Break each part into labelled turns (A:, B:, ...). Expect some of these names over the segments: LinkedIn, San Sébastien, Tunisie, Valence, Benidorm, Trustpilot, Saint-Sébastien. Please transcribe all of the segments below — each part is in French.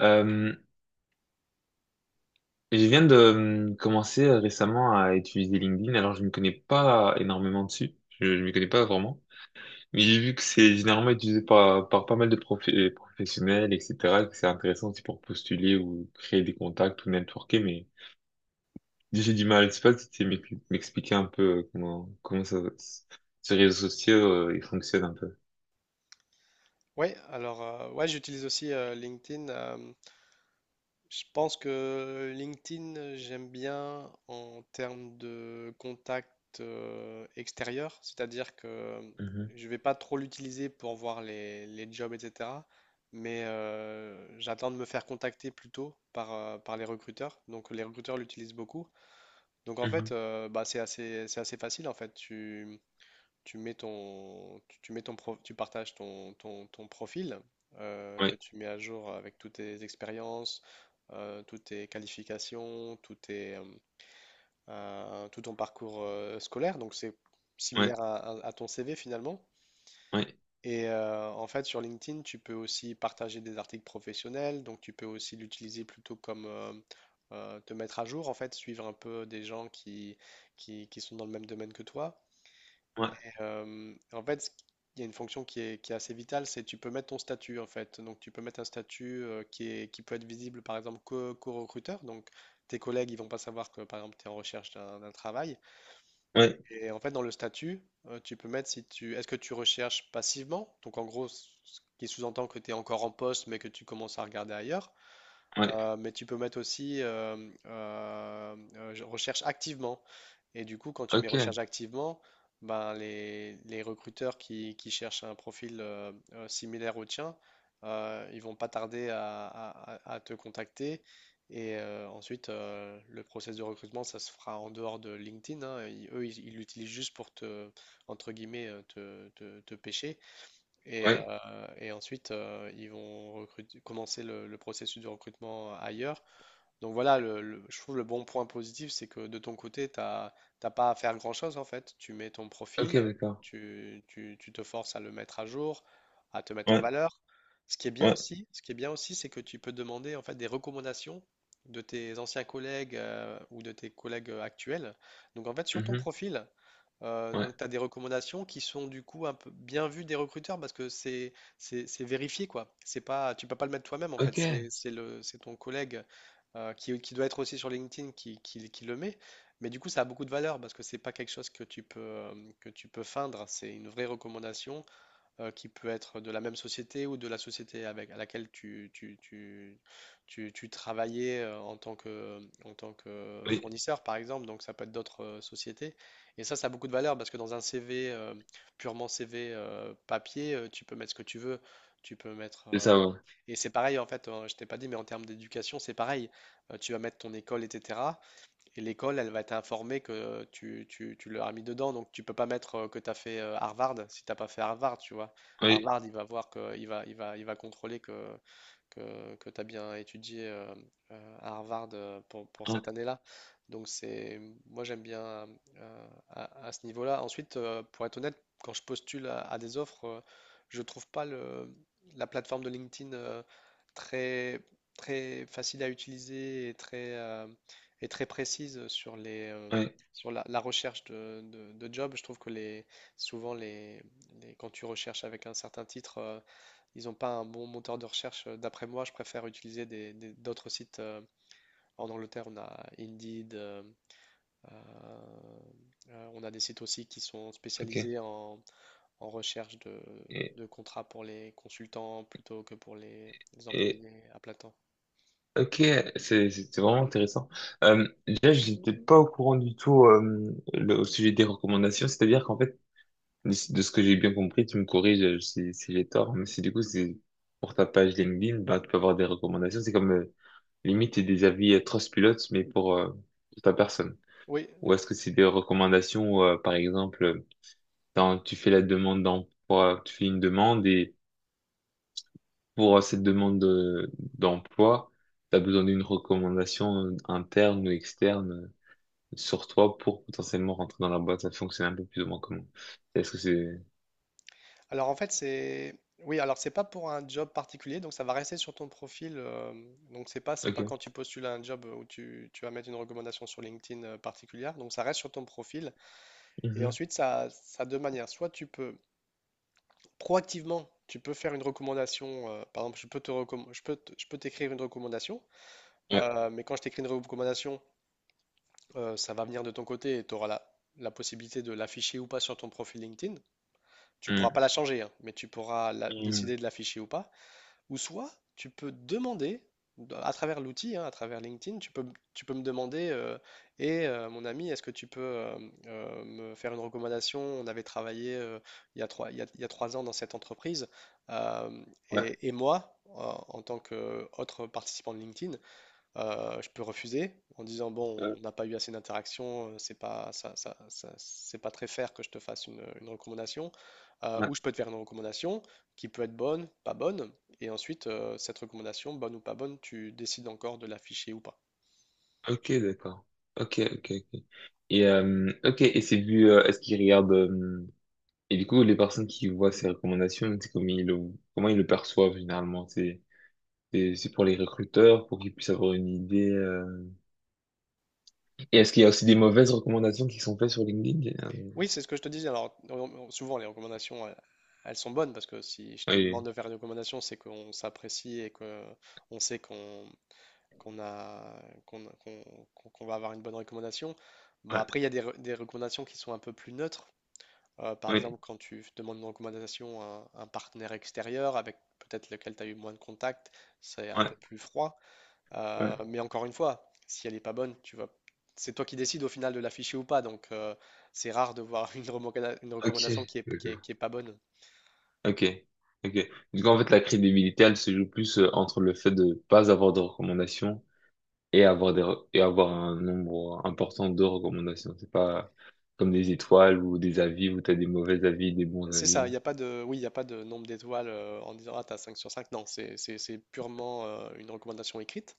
A: Euh, je viens de commencer récemment à utiliser LinkedIn, alors je ne connais pas énormément dessus, je ne m'y connais pas vraiment, mais j'ai vu que c'est généralement utilisé par pas mal de professionnels, etc., que c'est intéressant aussi pour postuler ou créer des contacts ou networker, mais j'ai du mal, je sais pas si tu sais m'expliquer un peu comment ça, ce réseau social, il fonctionne un peu.
B: Ouais, alors ouais, j'utilise aussi LinkedIn. Je pense que LinkedIn, j'aime bien en termes de contact extérieur, c'est-à-dire que
A: Mhm,
B: je vais pas trop l'utiliser pour voir les jobs, etc. Mais j'attends de me faire contacter plutôt par les recruteurs. Donc les recruteurs l'utilisent beaucoup. Donc en
A: mhm.
B: fait, bah, c'est assez facile en fait. Tu mets ton, tu mets ton tu partages ton profil que
A: Ouais,
B: tu mets à jour avec toutes tes expériences, toutes tes qualifications, tout ton parcours scolaire. Donc c'est
A: ouais,
B: similaire à ton CV finalement.
A: ouais,
B: Et en fait, sur LinkedIn, tu peux aussi partager des articles professionnels. Donc tu peux aussi l'utiliser plutôt comme te mettre à jour, en fait, suivre un peu des gens qui sont dans le même domaine que toi.
A: ouais,
B: En fait, il y a une fonction qui est assez vitale, c'est tu peux mettre ton statut en fait. Donc tu peux mettre un statut qui est, qui peut être visible par exemple qu'aux recruteurs. Donc tes collègues, ils vont pas savoir que par exemple tu es en recherche d'un travail.
A: ouais,
B: Et en fait, dans le statut, tu peux mettre si tu est-ce que tu recherches passivement? Donc en gros, ce qui sous-entend que tu es encore en poste mais que tu commences à regarder ailleurs.
A: ouais,
B: Mais tu peux mettre aussi je recherche activement. Et du coup, quand tu mets
A: ok,
B: recherche activement, ben les recruteurs qui cherchent un profil similaire au tien, ils vont pas tarder à te contacter. Et ensuite, le process de recrutement, ça se fera en dehors de LinkedIn, hein. Eux, ils l'utilisent juste pour te, entre guillemets, te pêcher. Et,
A: ouais,
B: euh, et ensuite, ils vont commencer le processus de recrutement ailleurs. Donc voilà, je trouve le bon point positif, c'est que de ton côté, tu n'as pas à faire grand-chose en fait. Tu mets ton
A: ok,
B: profil,
A: d'accord,
B: tu te forces à le mettre à jour, à te mettre en
A: ouais,
B: valeur. Ce qui est bien
A: ouais,
B: aussi, ce qui est bien aussi, c'est que tu peux demander en fait des recommandations de tes anciens collègues ou de tes collègues actuels. Donc en fait, sur ton
A: mhm,
B: profil,
A: ouais.
B: donc, tu as des recommandations qui sont du coup un peu bien vues des recruteurs parce que c'est vérifié quoi. C'est pas, tu peux pas le mettre toi-même en fait.
A: Ok,
B: C'est ton collègue qui, doit être aussi sur LinkedIn qui le met. Mais du coup, ça a beaucoup de valeur parce que c'est pas quelque chose que tu peux feindre. C'est une vraie recommandation qui peut être de la même société ou de la société à laquelle tu travaillais en tant que
A: oui,
B: fournisseur, par exemple. Donc, ça peut être d'autres sociétés. Et ça a beaucoup de valeur parce que dans un CV, purement CV papier, tu peux mettre ce que tu veux. Tu peux mettre.
A: c'est ça, ouais.
B: Et c'est pareil, en fait, je t'ai pas dit, mais en termes d'éducation, c'est pareil. Tu vas mettre ton école, etc. Et l'école, elle va t'informer que tu l'as mis dedans. Donc, tu peux pas mettre que tu as fait Harvard si t'as pas fait Harvard, tu vois.
A: Oui,
B: Harvard, il va voir que, il va, il va, il va contrôler que, tu as bien étudié à Harvard pour
A: ouais,
B: cette année-là. Donc, moi, j'aime bien à ce niveau-là. Ensuite, pour être honnête, quand je postule à des offres, je trouve pas la plateforme de LinkedIn très, très facile à utiliser et très précise sur les, euh,
A: ouais,
B: sur la, la recherche de job. Je trouve que souvent, quand tu recherches avec un certain titre, ils n'ont pas un bon moteur de recherche. D'après moi, je préfère utiliser d'autres sites. En Angleterre, on a Indeed, euh, on a des sites aussi qui sont
A: ok.
B: spécialisés en recherche de,
A: Et,
B: de contrats pour les consultants plutôt que pour les
A: et
B: employés à plein temps.
A: ok, c'est vraiment intéressant. Déjà, j'étais pas au courant du tout, au sujet des recommandations, c'est-à-dire qu'en fait, de ce que j'ai bien compris, tu me corriges, si j'ai tort, mais si du coup, c'est pour ta page LinkedIn, bah, tu peux avoir des recommandations, c'est comme limite des avis, Trustpilot, mais pour ta personne.
B: Oui,
A: Ou est-ce que c'est des recommandations où, par exemple, quand tu fais la demande d'emploi, tu fais une demande pour cette demande d'emploi, tu as besoin d'une recommandation interne ou externe, sur toi pour potentiellement rentrer dans la boîte. Ça fonctionne un peu plus ou moins comment? Est-ce que c'est...
B: alors en fait, c'est oui, alors c'est pas pour un job particulier, donc ça va rester sur ton profil. Donc c'est pas
A: Ok.
B: quand tu postules à un job où tu vas mettre une recommandation sur LinkedIn particulière, donc ça reste sur ton profil. Et
A: Mhm.
B: ensuite ça a deux manières. Soit tu peux proactivement. Tu peux faire une recommandation, par exemple, je peux t'écrire une recommandation,
A: Ouais.
B: mais quand je t'écris une recommandation, ça va venir de ton côté et tu auras la possibilité de l'afficher ou pas sur ton profil LinkedIn. Tu pourras
A: Mhm.
B: pas la changer, hein, mais tu pourras
A: Mhm.
B: décider de l'afficher ou pas. Ou soit, tu peux demander, dans- à travers l'outil, hein, à travers LinkedIn, tu peux me demander, et mon ami, est-ce que tu peux me faire une recommandation? On avait travaillé il y a 3 ans dans cette entreprise, euh,
A: Ouais.
B: et moi, en tant qu'autre participant de LinkedIn, je peux refuser en disant, bon,
A: Euh,
B: on n'a pas eu assez d'interactions, c'est pas, ça- ça- c'est pas très fair que je te fasse une recommandation. Euh,
A: ouais.
B: ou je peux te faire une recommandation qui peut être bonne, pas bonne, et ensuite, cette recommandation, bonne ou pas bonne, tu décides encore de l'afficher ou pas.
A: Ok, d'accord. Ok, ok, ok. Et, ok. Et c'est vu, est-ce qu'ils regardent... et du coup, les personnes qui voient ces recommandations, c'est comment ils le perçoivent généralement? C'est pour les recruteurs, pour qu'ils puissent avoir une idée. Et est-ce qu'il y a aussi des mauvaises recommandations qui sont faites sur LinkedIn?
B: Oui, c'est ce que je te disais. Alors, souvent, les recommandations, elles sont bonnes parce que si je te demande
A: Oui,
B: de faire une recommandation, c'est qu'on s'apprécie et qu'on sait qu'on qu'on a, qu'on, qu'on, qu'on- qu'on va avoir une bonne recommandation. Bon,
A: ouais,
B: après, il y a des recommandations qui sont un peu plus neutres. Par
A: oui,
B: exemple, quand tu demandes une recommandation à un partenaire extérieur avec peut-être lequel tu as eu moins de contact, c'est un
A: ouais,
B: peu plus froid. Euh,
A: ouais.
B: mais encore une fois, si elle n'est pas bonne, c'est toi qui décides au final de l'afficher ou pas. Donc, c'est rare de voir une
A: Ok,
B: recommandation qui est, qui est,
A: d'accord.
B: qui est pas bonne.
A: Ok, ok. Du coup, en fait, la crédibilité, elle se joue plus entre le fait de pas avoir de recommandations et avoir et avoir un nombre important de recommandations. C'est pas comme des étoiles ou des avis où t'as des mauvais avis, des bons
B: C'est ça,
A: avis.
B: il n'y a pas de, oui, il n'y a pas de nombre d'étoiles en disant, ah, t'as 5 sur 5. Non, c'est purement une recommandation écrite.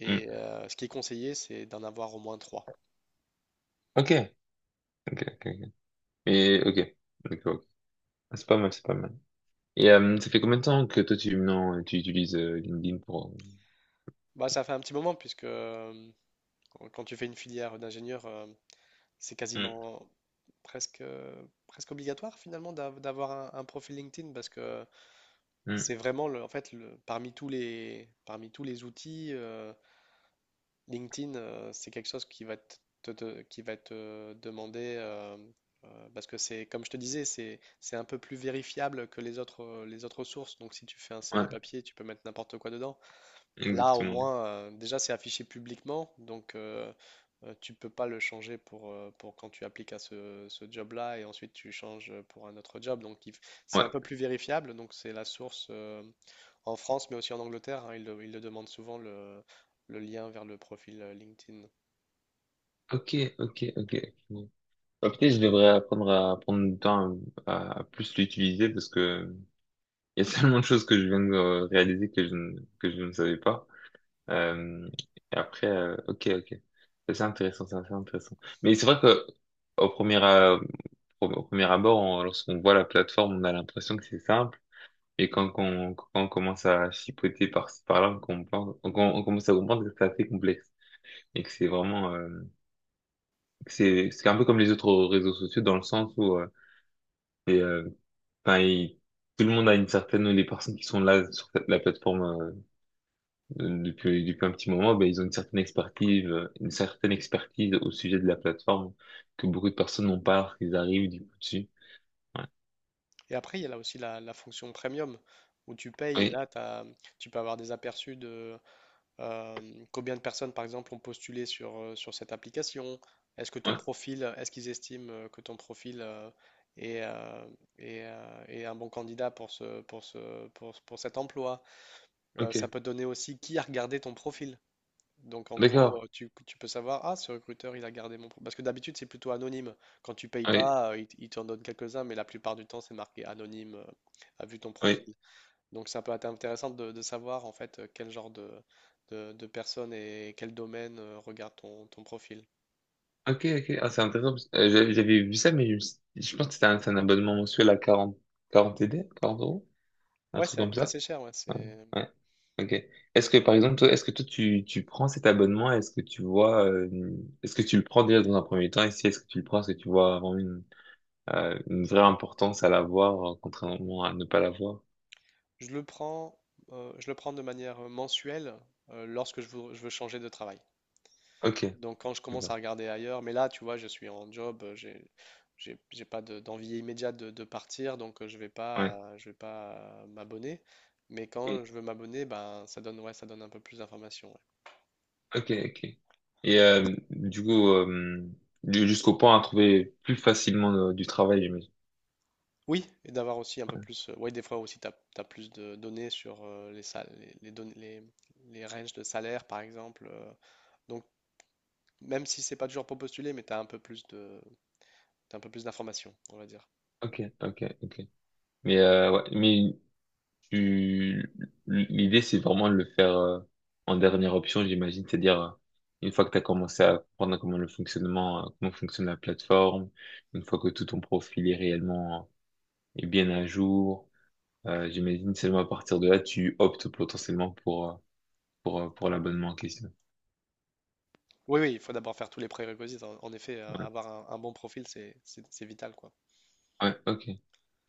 B: Et
A: Hmm.
B: ce qui est conseillé, c'est d'en avoir au moins trois.
A: Ok, ok, ok, ok. Mais ok, d'accord. Ok. Ah, c'est pas mal, c'est pas mal. Et ça fait combien de temps que toi tu, non, tu utilises LinkedIn pour...
B: Bah, ça fait un petit moment, puisque quand tu fais une filière d'ingénieur, c'est
A: hmm.
B: quasiment presque obligatoire finalement d'avoir un profil LinkedIn, parce que
A: Hmm.
B: c'est vraiment, en fait, parmi tous les outils, LinkedIn, c'est quelque chose qui va te demander, parce que c'est, comme je te disais, c'est un peu plus vérifiable que les autres sources. Donc si tu fais un CV
A: Ouais,
B: papier, tu peux mettre n'importe quoi dedans. Là, au
A: exactement. Ouais.
B: moins, déjà, c'est affiché publiquement, donc tu peux pas le changer pour quand tu appliques à ce job-là et ensuite tu changes pour un autre job. Donc, c'est un peu
A: Ouais.
B: plus vérifiable. Donc, c'est la source en France, mais aussi en Angleterre, hein. Ils le demandent souvent le lien vers le profil LinkedIn.
A: Ok, ok, ok. Ok. Bah, peut-être je devrais apprendre à prendre du temps à plus l'utiliser parce que il y a tellement de choses que je viens de réaliser que je ne savais pas. Euh, et après, ok, ok. C'est intéressant, c'est assez intéressant. Mais c'est vrai que au premier, euh, au premier abord, lorsqu'on voit la plateforme, on a l'impression que c'est simple. Et quand on commence à chipoter par-ci, par-là, on comprend, on commence à comprendre que c'est assez complexe et que c'est vraiment... c'est un peu comme les autres réseaux sociaux, dans le sens où, et, euh, enfin, tout le monde a une certaine, les personnes qui sont là sur la plateforme depuis un petit moment, ben ils ont une certaine expertise, au sujet de la plateforme, que beaucoup de personnes n'ont pas lorsqu'ils arrivent du coup dessus. Ouais.
B: Et après, il y a là aussi la fonction premium où tu payes et
A: Oui.
B: là, tu peux avoir des aperçus de, Euh, combien de personnes, par exemple, ont postulé sur cette application? Est-ce que ton
A: Ouais.
B: profil, est-ce qu'ils estiment que ton profil est, euh, est un bon candidat pour cet emploi? Ça
A: Ok,
B: peut donner aussi qui a regardé ton profil. Donc, en gros,
A: d'accord.
B: tu peux savoir, ah, ce recruteur, il a gardé mon profil. Parce que d'habitude, c'est plutôt anonyme. Quand tu payes
A: Oui,
B: pas, il t'en donne quelques-uns, mais la plupart du temps, c'est marqué anonyme, a vu ton
A: oui.
B: profil. Donc ça peut être intéressant de, savoir en fait quel genre de, de personnes et quel domaine regarde ton profil.
A: Ok, ok. Ah, c'est intéressant parce que, j'avais vu ça, mais je pense que c'est un abonnement mensuel à 40 40 TD 40 euros, un
B: Ouais,
A: truc
B: ça
A: comme
B: coûte
A: ça.
B: assez cher, ouais,
A: Ouais,
B: c'est...
A: ouais. Ok. Est-ce que par exemple, toi, est-ce que toi tu prends cet abonnement? Est-ce que tu vois, est-ce que tu le prends déjà dans un premier temps? Et si est-ce que tu le prends, est-ce que tu vois vraiment une vraie importance à l'avoir, contrairement à ne pas l'avoir?
B: Je le prends, je le prends de manière mensuelle lorsque je veux changer de travail.
A: Ok,
B: Donc quand je commence à
A: d'accord.
B: regarder ailleurs, mais là, tu vois, je suis en job, j'ai pas d'envie immédiate de partir, donc je vais pas,
A: Ouais.
B: m'abonner. Mais quand
A: Et-
B: je veux m'abonner, ben ça donne, ouais, ça donne un peu plus d'informations, ouais.
A: ok, ok. Et du coup, jusqu'au point à trouver plus facilement du travail, j'imagine.
B: Oui, et d'avoir aussi un peu plus. Oui, des fois aussi, tu as plus de données sur les ranges de salaire, par exemple. Donc, même si c'est pas toujours pour postuler, mais tu as un peu plus de, t'as un peu plus d'informations, on va dire.
A: Ok, ok, ok. Mais ouais, tu- l'idée, c'est vraiment de le faire en dernière option, j'imagine, c'est-à-dire une fois que tu as commencé à comprendre comment fonctionne la plateforme, une fois que tout ton profil est réellement est bien à jour, j'imagine seulement à partir de là, tu optes potentiellement pour l'abonnement en question.
B: Oui, oui, il faut d'abord faire tous les prérequis. En effet,
A: Ouais,
B: avoir un bon profil, c'est vital, quoi.
A: ouais, ok.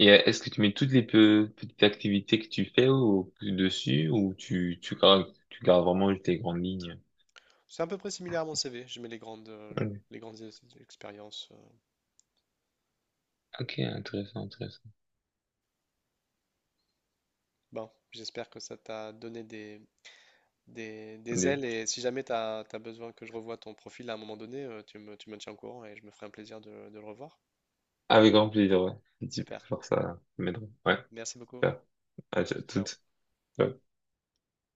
A: Et est-ce que tu mets toutes les petites activités que tu fais au, dessus ou tu gardes vraiment tes grandes lignes?
B: C'est à peu près similaire à mon CV. Je mets les grandes, euh,
A: Ok,
B: les grandes ex- expériences.
A: ok, intéressant, intéressant.
B: Bon, j'espère que ça t'a donné des ailes et si jamais tu as besoin que je revoie ton profil à un moment donné, tu me tiens au courant et je me ferai un plaisir de le revoir.
A: Ah, avec grand plaisir, ouais. Si tu peux
B: Super.
A: faire ça, ça m'aiderait. Ouais,
B: Merci beaucoup.
A: super. À
B: Ciao.
A: toute.